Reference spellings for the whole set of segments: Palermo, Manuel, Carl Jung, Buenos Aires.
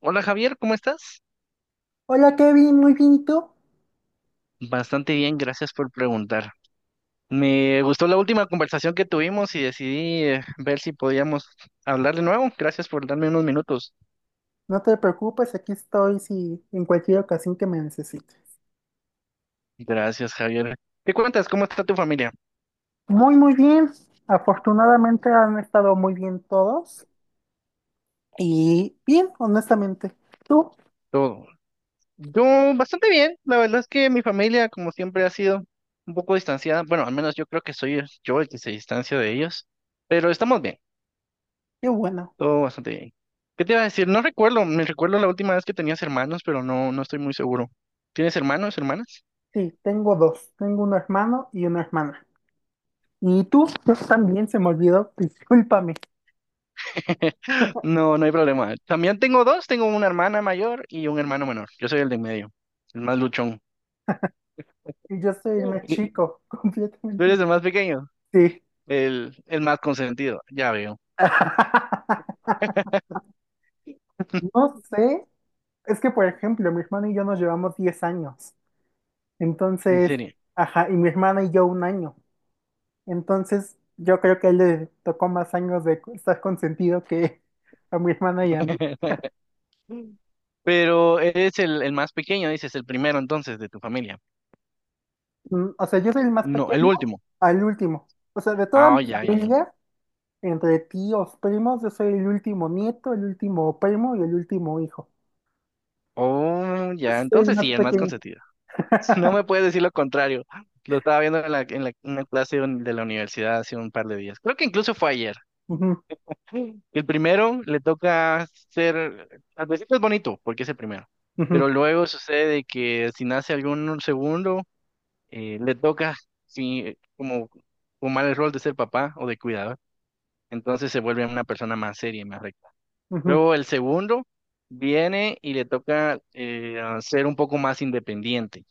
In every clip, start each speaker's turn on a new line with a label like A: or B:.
A: Hola Javier, ¿cómo estás?
B: Hola Kevin, muy bien, ¿y tú?
A: Bastante bien, gracias por preguntar. Me gustó la última conversación que tuvimos y decidí ver si podíamos hablar de nuevo. Gracias por darme unos minutos.
B: No te preocupes, aquí estoy si en cualquier ocasión que me necesites.
A: Gracias, Javier. ¿Qué cuentas? ¿Cómo está tu familia?
B: Muy, muy bien. Afortunadamente han estado muy bien todos. Y bien, honestamente. ¿Tú?
A: Todo. Yo bastante bien. La verdad es que mi familia, como siempre, ha sido un poco distanciada. Bueno, al menos yo creo que soy yo el que se distancia de ellos. Pero estamos bien.
B: Qué bueno.
A: Todo bastante bien. ¿Qué te iba a decir? No recuerdo. Me recuerdo la última vez que tenías hermanos, pero no estoy muy seguro. ¿Tienes hermanos, hermanas?
B: Sí, tengo dos. Tengo un hermano y una hermana. ¿Y tú? Yo también se me olvidó. Discúlpame.
A: No, no hay problema. También tengo dos, tengo una hermana mayor y un hermano menor. Yo soy el de en medio, el más luchón.
B: Y yo soy el
A: Sí.
B: más
A: Y
B: chico,
A: tú
B: completamente.
A: eres el más pequeño,
B: Sí.
A: el más consentido, ya veo,
B: No sé. Es que, por ejemplo, mi hermano y yo nos llevamos 10 años.
A: en
B: Entonces,
A: serio.
B: ajá, y mi hermana y yo un año. Entonces, yo creo que a él le tocó más años de estar consentido que a mi hermana y a mí.
A: Pero eres el más pequeño, dices, el primero entonces de tu familia.
B: O sea, yo soy el más
A: No, el
B: pequeño
A: último.
B: al último. O sea, de toda
A: Ah,
B: mi
A: oh, ya, ya, ya.
B: familia, entre tíos, primos, yo soy el último nieto, el último primo y el último hijo.
A: Oh, ya,
B: Entonces, soy el
A: entonces
B: más
A: sí, el más
B: pequeño.
A: consentido. No me puedes decir lo contrario. Lo estaba viendo en en una clase de de la universidad hace un par de días. Creo que incluso fue ayer.
B: Ujú,
A: El primero le toca ser, al principio es bonito porque es el primero, pero
B: ujú,
A: luego sucede de que si nace algún segundo, le toca sí, como tomar el rol de ser papá o de cuidador, entonces se vuelve una persona más seria y más recta.
B: ujú.
A: Luego el segundo viene y le toca ser un poco más independiente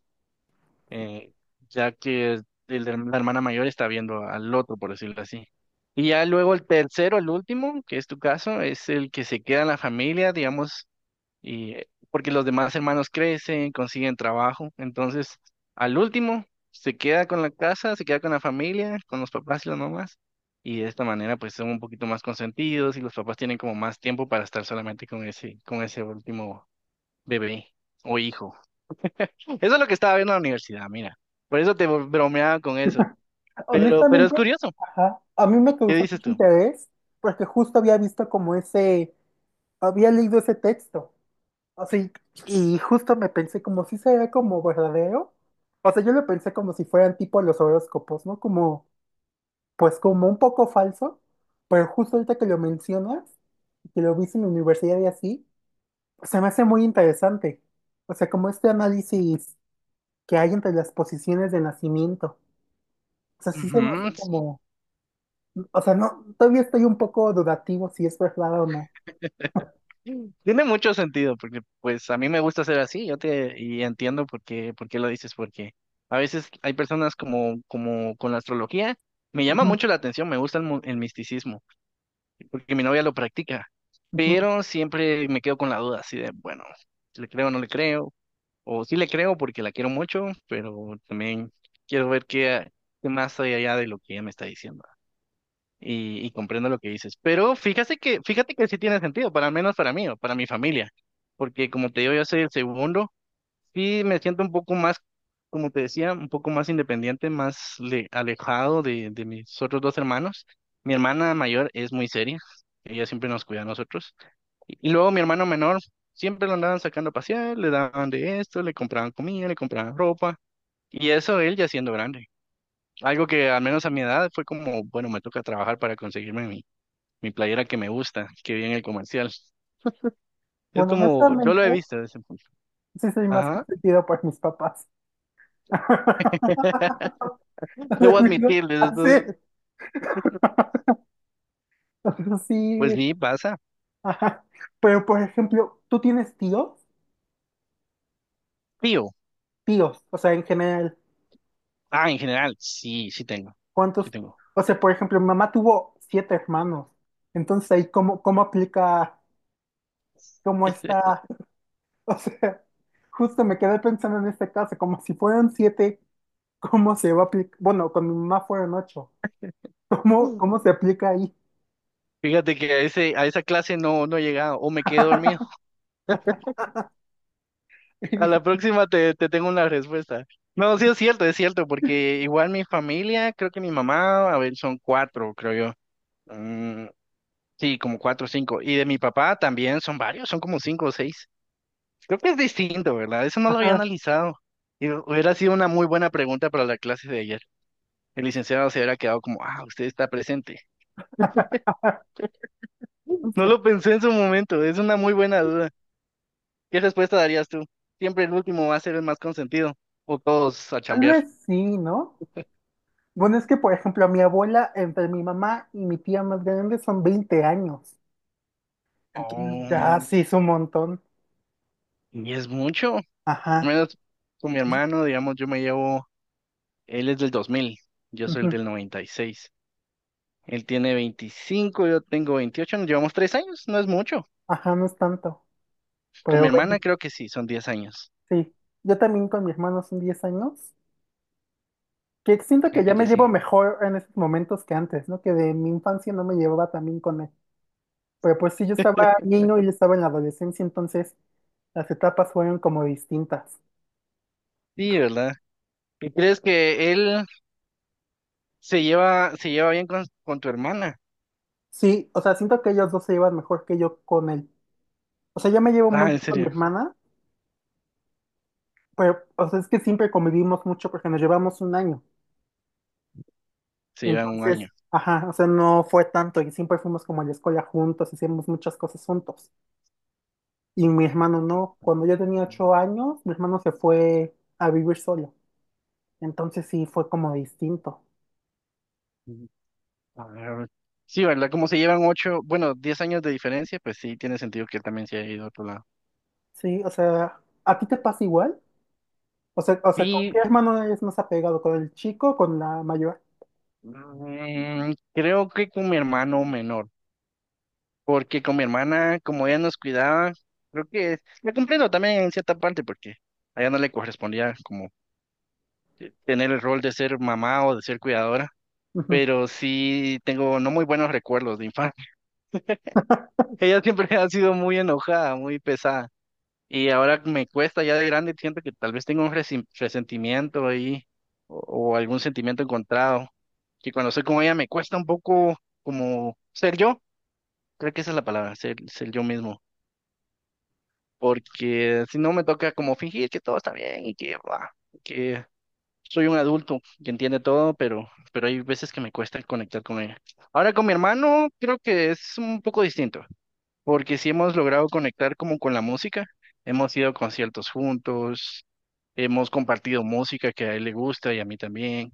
A: eh, ya que la hermana mayor está viendo al otro, por decirlo así. Y ya luego el tercero, el último, que es tu caso, es el que se queda en la familia, digamos, y porque los demás hermanos crecen, consiguen trabajo, entonces al último se queda con la casa, se queda con la familia, con los papás y las mamás, y de esta manera pues son un poquito más consentidos y los papás tienen como más tiempo para estar solamente con ese último bebé o hijo. Eso es lo que estaba viendo en la universidad, mira. Por eso te bromeaba con eso. Pero es
B: Honestamente,
A: curioso.
B: ajá, a mí me
A: ¿Qué
B: causa
A: dices
B: mucho
A: tú?
B: interés porque justo había visto como ese, había leído ese texto. Así, y justo me pensé como si sería como verdadero. O sea, yo lo pensé como si fueran tipo los horóscopos, ¿no? Como, pues como un poco falso, pero justo ahorita que lo mencionas, que lo viste en la universidad y así, se me hace muy interesante. O sea, como este análisis que hay entre las posiciones de nacimiento. O sea, sí se me
A: Ujú,
B: hace como, o sea, no, todavía estoy un poco dudativo si es verdad o no.
A: tiene mucho sentido, porque pues a mí me gusta ser así, yo te y entiendo por qué lo dices, porque a veces hay personas como, como con la astrología, me llama
B: Ujú,
A: mucho la atención, me gusta el, el misticismo, porque mi novia lo practica,
B: ujú.
A: pero siempre me quedo con la duda, así de, bueno, si ¿le creo o no le creo? O sí le creo porque la quiero mucho, pero también quiero ver qué, qué más hay allá de lo que ella me está diciendo. Y comprendo lo que dices. Pero fíjate que sí tiene sentido, para al menos para mí o para mi familia. Porque como te digo, yo soy el segundo. Sí me siento un poco más, como te decía, un poco más independiente, más alejado de mis otros dos hermanos. Mi hermana mayor es muy seria. Ella siempre nos cuida a nosotros. Y luego mi hermano menor siempre lo andaban sacando a pasear, le daban de esto, le compraban comida, le compraban ropa. Y eso él ya siendo grande. Algo que al menos a mi edad fue como, bueno, me toca trabajar para conseguirme mi, mi playera que me gusta, que vi en el comercial. Es
B: Bueno,
A: como, yo lo he
B: honestamente,
A: visto desde ese punto.
B: sí soy más
A: Ajá.
B: consentido por mis papás.
A: Debo admitirles esto.
B: Así,
A: Pues
B: así,
A: sí, pasa.
B: ajá. Pero por ejemplo, ¿tú tienes tíos?
A: Tío.
B: Tíos, o sea, en general,
A: Ah, en general, sí, sí tengo. Sí
B: ¿cuántos?
A: tengo.
B: O sea, por ejemplo, mi mamá tuvo siete hermanos. Entonces ahí, ¿cómo, cómo aplica, cómo está? O sea, justo me quedé pensando en este caso, como si fueran siete, ¿cómo se va a aplicar? Bueno, con mi mamá fueron ocho. ¿Cómo,
A: Mm.
B: cómo se aplica ahí?
A: Fíjate que a ese, a esa clase no he llegado. O me quedé dormido. A la próxima te, te tengo una respuesta. No, sí es cierto, porque igual mi familia, creo que mi mamá, a ver, son cuatro, creo yo. Mm, sí, como cuatro o cinco. Y de mi papá también son varios, son como cinco o seis. Creo que es distinto, ¿verdad? Eso no lo había
B: Ajá.
A: analizado. Y hubiera sido una muy buena pregunta para la clase de ayer. El licenciado se hubiera quedado como, ah, usted está presente.
B: Pues,
A: No lo pensé en su momento, es una muy buena duda. ¿Qué respuesta darías tú? Siempre el último va a ser el más consentido. O todos a
B: tal
A: chambear.
B: vez sí, ¿no? Bueno, es que, por ejemplo, mi abuela, entre mi mamá y mi tía más grande son 20 años. Entonces, ya
A: Oh.
B: sí es un montón.
A: Y es mucho. Al
B: Ajá.
A: menos con mi hermano, digamos, yo me llevo, él es del 2000, yo soy el
B: Ujú.
A: del 96. Él tiene 25, yo tengo 28, nos llevamos 3 años, no es mucho.
B: Ajá, no es tanto.
A: Con mi
B: Pero
A: hermana
B: bueno,
A: creo que sí, son 10 años.
B: sí. Yo también con mi hermano son 10 años. Que siento
A: Qué
B: que ya
A: te
B: me llevo
A: decía.
B: mejor en estos momentos que antes, ¿no? Que de mi infancia no me llevaba también con él. Pero pues sí, yo estaba niño y él estaba en la adolescencia, entonces las etapas fueron como distintas.
A: Sí, ¿verdad? ¿Y crees que él se lleva bien con tu hermana?
B: Sí, o sea, siento que ellos dos se llevan mejor que yo con él. O sea, yo me llevo
A: Ah,
B: muy
A: en
B: bien con mi
A: serio,
B: hermana. Pero, o sea, es que siempre convivimos mucho porque nos llevamos un año.
A: se llevan un
B: Entonces,
A: año.
B: ajá, o sea, no fue tanto y siempre fuimos como a la escuela juntos, hicimos muchas cosas juntos. Y mi hermano no. Cuando yo tenía 8 años, mi hermano se fue a vivir solo. Entonces sí fue como distinto.
A: Mm, a ver, sí, ¿verdad? Como se llevan 8 bueno, 10 años de diferencia, pues sí, tiene sentido que él también se haya ido a otro lado.
B: Sí, o sea, ¿a ti te pasa igual? O sea, ¿con qué
A: Sí,
B: hermano eres más apegado? ¿Con el chico o con la mayor?
A: mm, creo que con mi hermano menor, porque con mi hermana, como ella nos cuidaba, creo que la comprendo también en cierta parte, porque a ella no le correspondía como tener el rol de ser mamá o de ser cuidadora,
B: Ujú.
A: pero sí tengo no muy buenos recuerdos de infancia. Ella siempre ha sido muy enojada, muy pesada, y ahora me cuesta ya de grande, siento que tal vez tengo un resentimiento ahí o, o algún sentimiento encontrado, que cuando soy con ella me cuesta un poco como ser yo. Creo que esa es la palabra, ser, ser yo mismo. Porque si no me toca como fingir que todo está bien y que, bla, que soy un adulto que entiende todo, pero hay veces que me cuesta conectar con ella. Ahora con mi hermano creo que es un poco distinto, porque si hemos logrado conectar como con la música, hemos ido a conciertos juntos, hemos compartido música que a él le gusta y a mí también,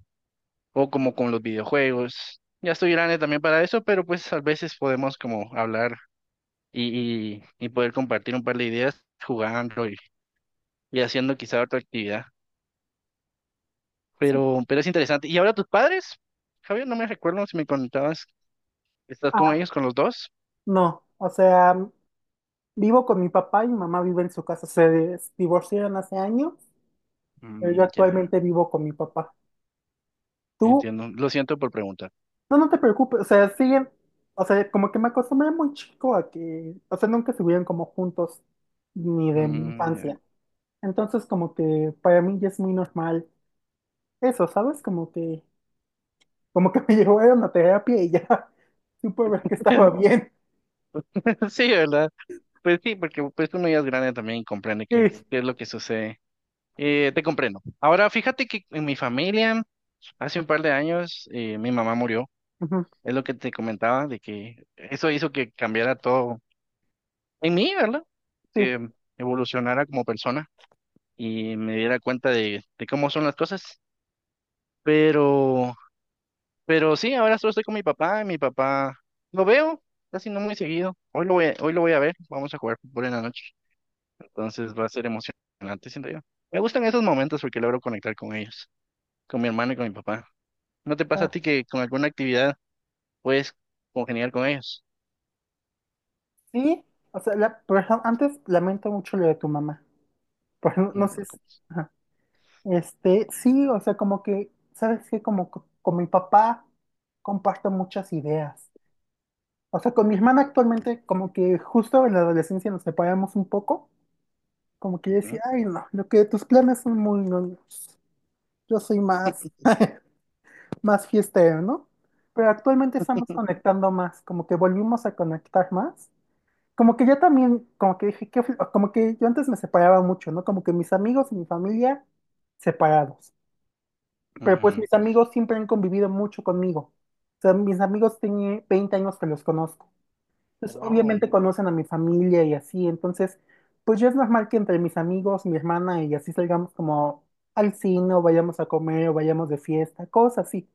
A: o como con los videojuegos. Ya estoy grande también para eso, pero pues a veces podemos como hablar y, y poder compartir un par de ideas jugando y haciendo quizá otra actividad.
B: Sí.
A: Pero es interesante. ¿Y ahora tus padres? Javier, no me recuerdo si me contabas, ¿estás con
B: Ah,
A: ellos, con los dos?
B: no, o sea, vivo con mi papá y mi mamá vive en su casa. Se divorciaron hace años. Pero yo
A: Mm, ya,
B: actualmente vivo con mi papá. Tú,
A: entiendo. Lo siento por preguntar.
B: no, no te preocupes, o sea, siguen, o sea, como que me acostumbré muy chico a que, o sea, nunca estuvieron como juntos, ni de mi
A: Mm, ya.
B: infancia. Entonces, como que para mí ya es muy normal eso, ¿sabes? Como que me llevaron a terapia y ya supe ver que estaba bien.
A: Sí, ¿verdad? Pues sí, porque pues uno ya es grande también y comprende
B: Sí,
A: qué es lo que sucede. Te comprendo. Ahora, fíjate que en mi familia, hace un par de años, mi mamá murió.
B: ujú,
A: Es lo que te comentaba, de que eso hizo que cambiara todo en mí, ¿verdad?
B: sí,
A: Que evolucionara como persona y me diera cuenta de cómo son las cosas. Pero, pero sí, ahora solo estoy con mi papá y mi papá lo veo casi no muy seguido. Hoy lo voy a ver, vamos a jugar fútbol en la noche. Entonces va a ser emocionante, siento yo. Me gustan esos momentos porque logro conectar con ellos, con mi hermano y con mi papá. ¿No te pasa a
B: ah,
A: ti que con alguna actividad puedes congeniar con ellos?
B: sí, o sea, la, pero antes lamento mucho lo de tu mamá, pero no, no
A: No te
B: sé,
A: preocupes.
B: ajá. Este, sí, o sea, como que, ¿sabes qué? Como con mi papá comparto muchas ideas. O sea, con mi hermana actualmente, como que justo en la adolescencia nos separamos un poco, como que yo decía,
A: Ujú.
B: ay, no, lo que tus planes son muy, no, yo soy más, más fiestero, ¿no? Pero actualmente estamos conectando más, como que volvimos a conectar más. Como que yo también, como que dije, qué como que yo antes me separaba mucho, ¿no? Como que mis amigos y mi familia separados. Pero pues
A: Ujú.
B: mis amigos siempre han convivido mucho conmigo. O sea, mis amigos tienen 20 años que los conozco. Entonces,
A: Wow,
B: obviamente conocen a mi familia y así. Entonces, pues ya es normal que entre mis amigos, mi hermana y así salgamos como al cine o vayamos a comer o vayamos de fiesta, cosas así.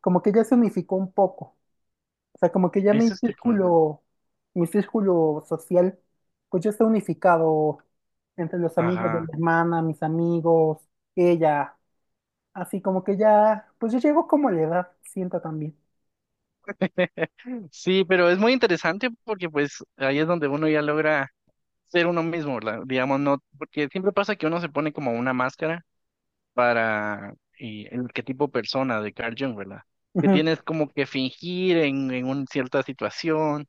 B: Como que ya se unificó un poco. O sea, como que ya
A: eso está cool.
B: mi círculo social, pues ya está unificado entre los amigos de mi
A: Ajá.
B: hermana, mis amigos, ella. Así como que ya, pues yo llego como a la edad, siento también.
A: Sí, pero es muy interesante porque pues ahí es donde uno ya logra ser uno mismo, digamos, no, porque siempre pasa que uno se pone como una máscara para el arquetipo persona de Carl Jung, ¿verdad? Que
B: Ujú.
A: tienes como que fingir en una cierta situación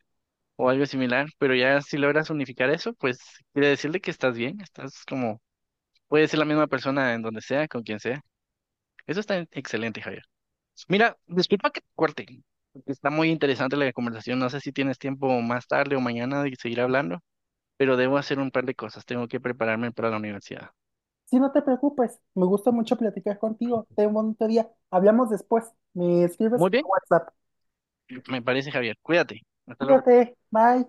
A: o algo similar, pero ya si logras unificar eso, pues quiere decirle que estás bien, estás como, puedes ser la misma persona en donde sea, con quien sea. Eso está excelente, Javier. Mira, disculpa que te corte, porque está muy interesante la conversación. No sé si tienes tiempo más tarde o mañana de seguir hablando, pero debo hacer un par de cosas. Tengo que prepararme para la universidad.
B: Sí, no te preocupes, me gusta mucho platicar contigo. Ten un bonito día. Hablamos después. Me escribes
A: Muy
B: por
A: bien,
B: WhatsApp.
A: me parece, Javier. Cuídate. Hasta luego.
B: Cuídate, bye.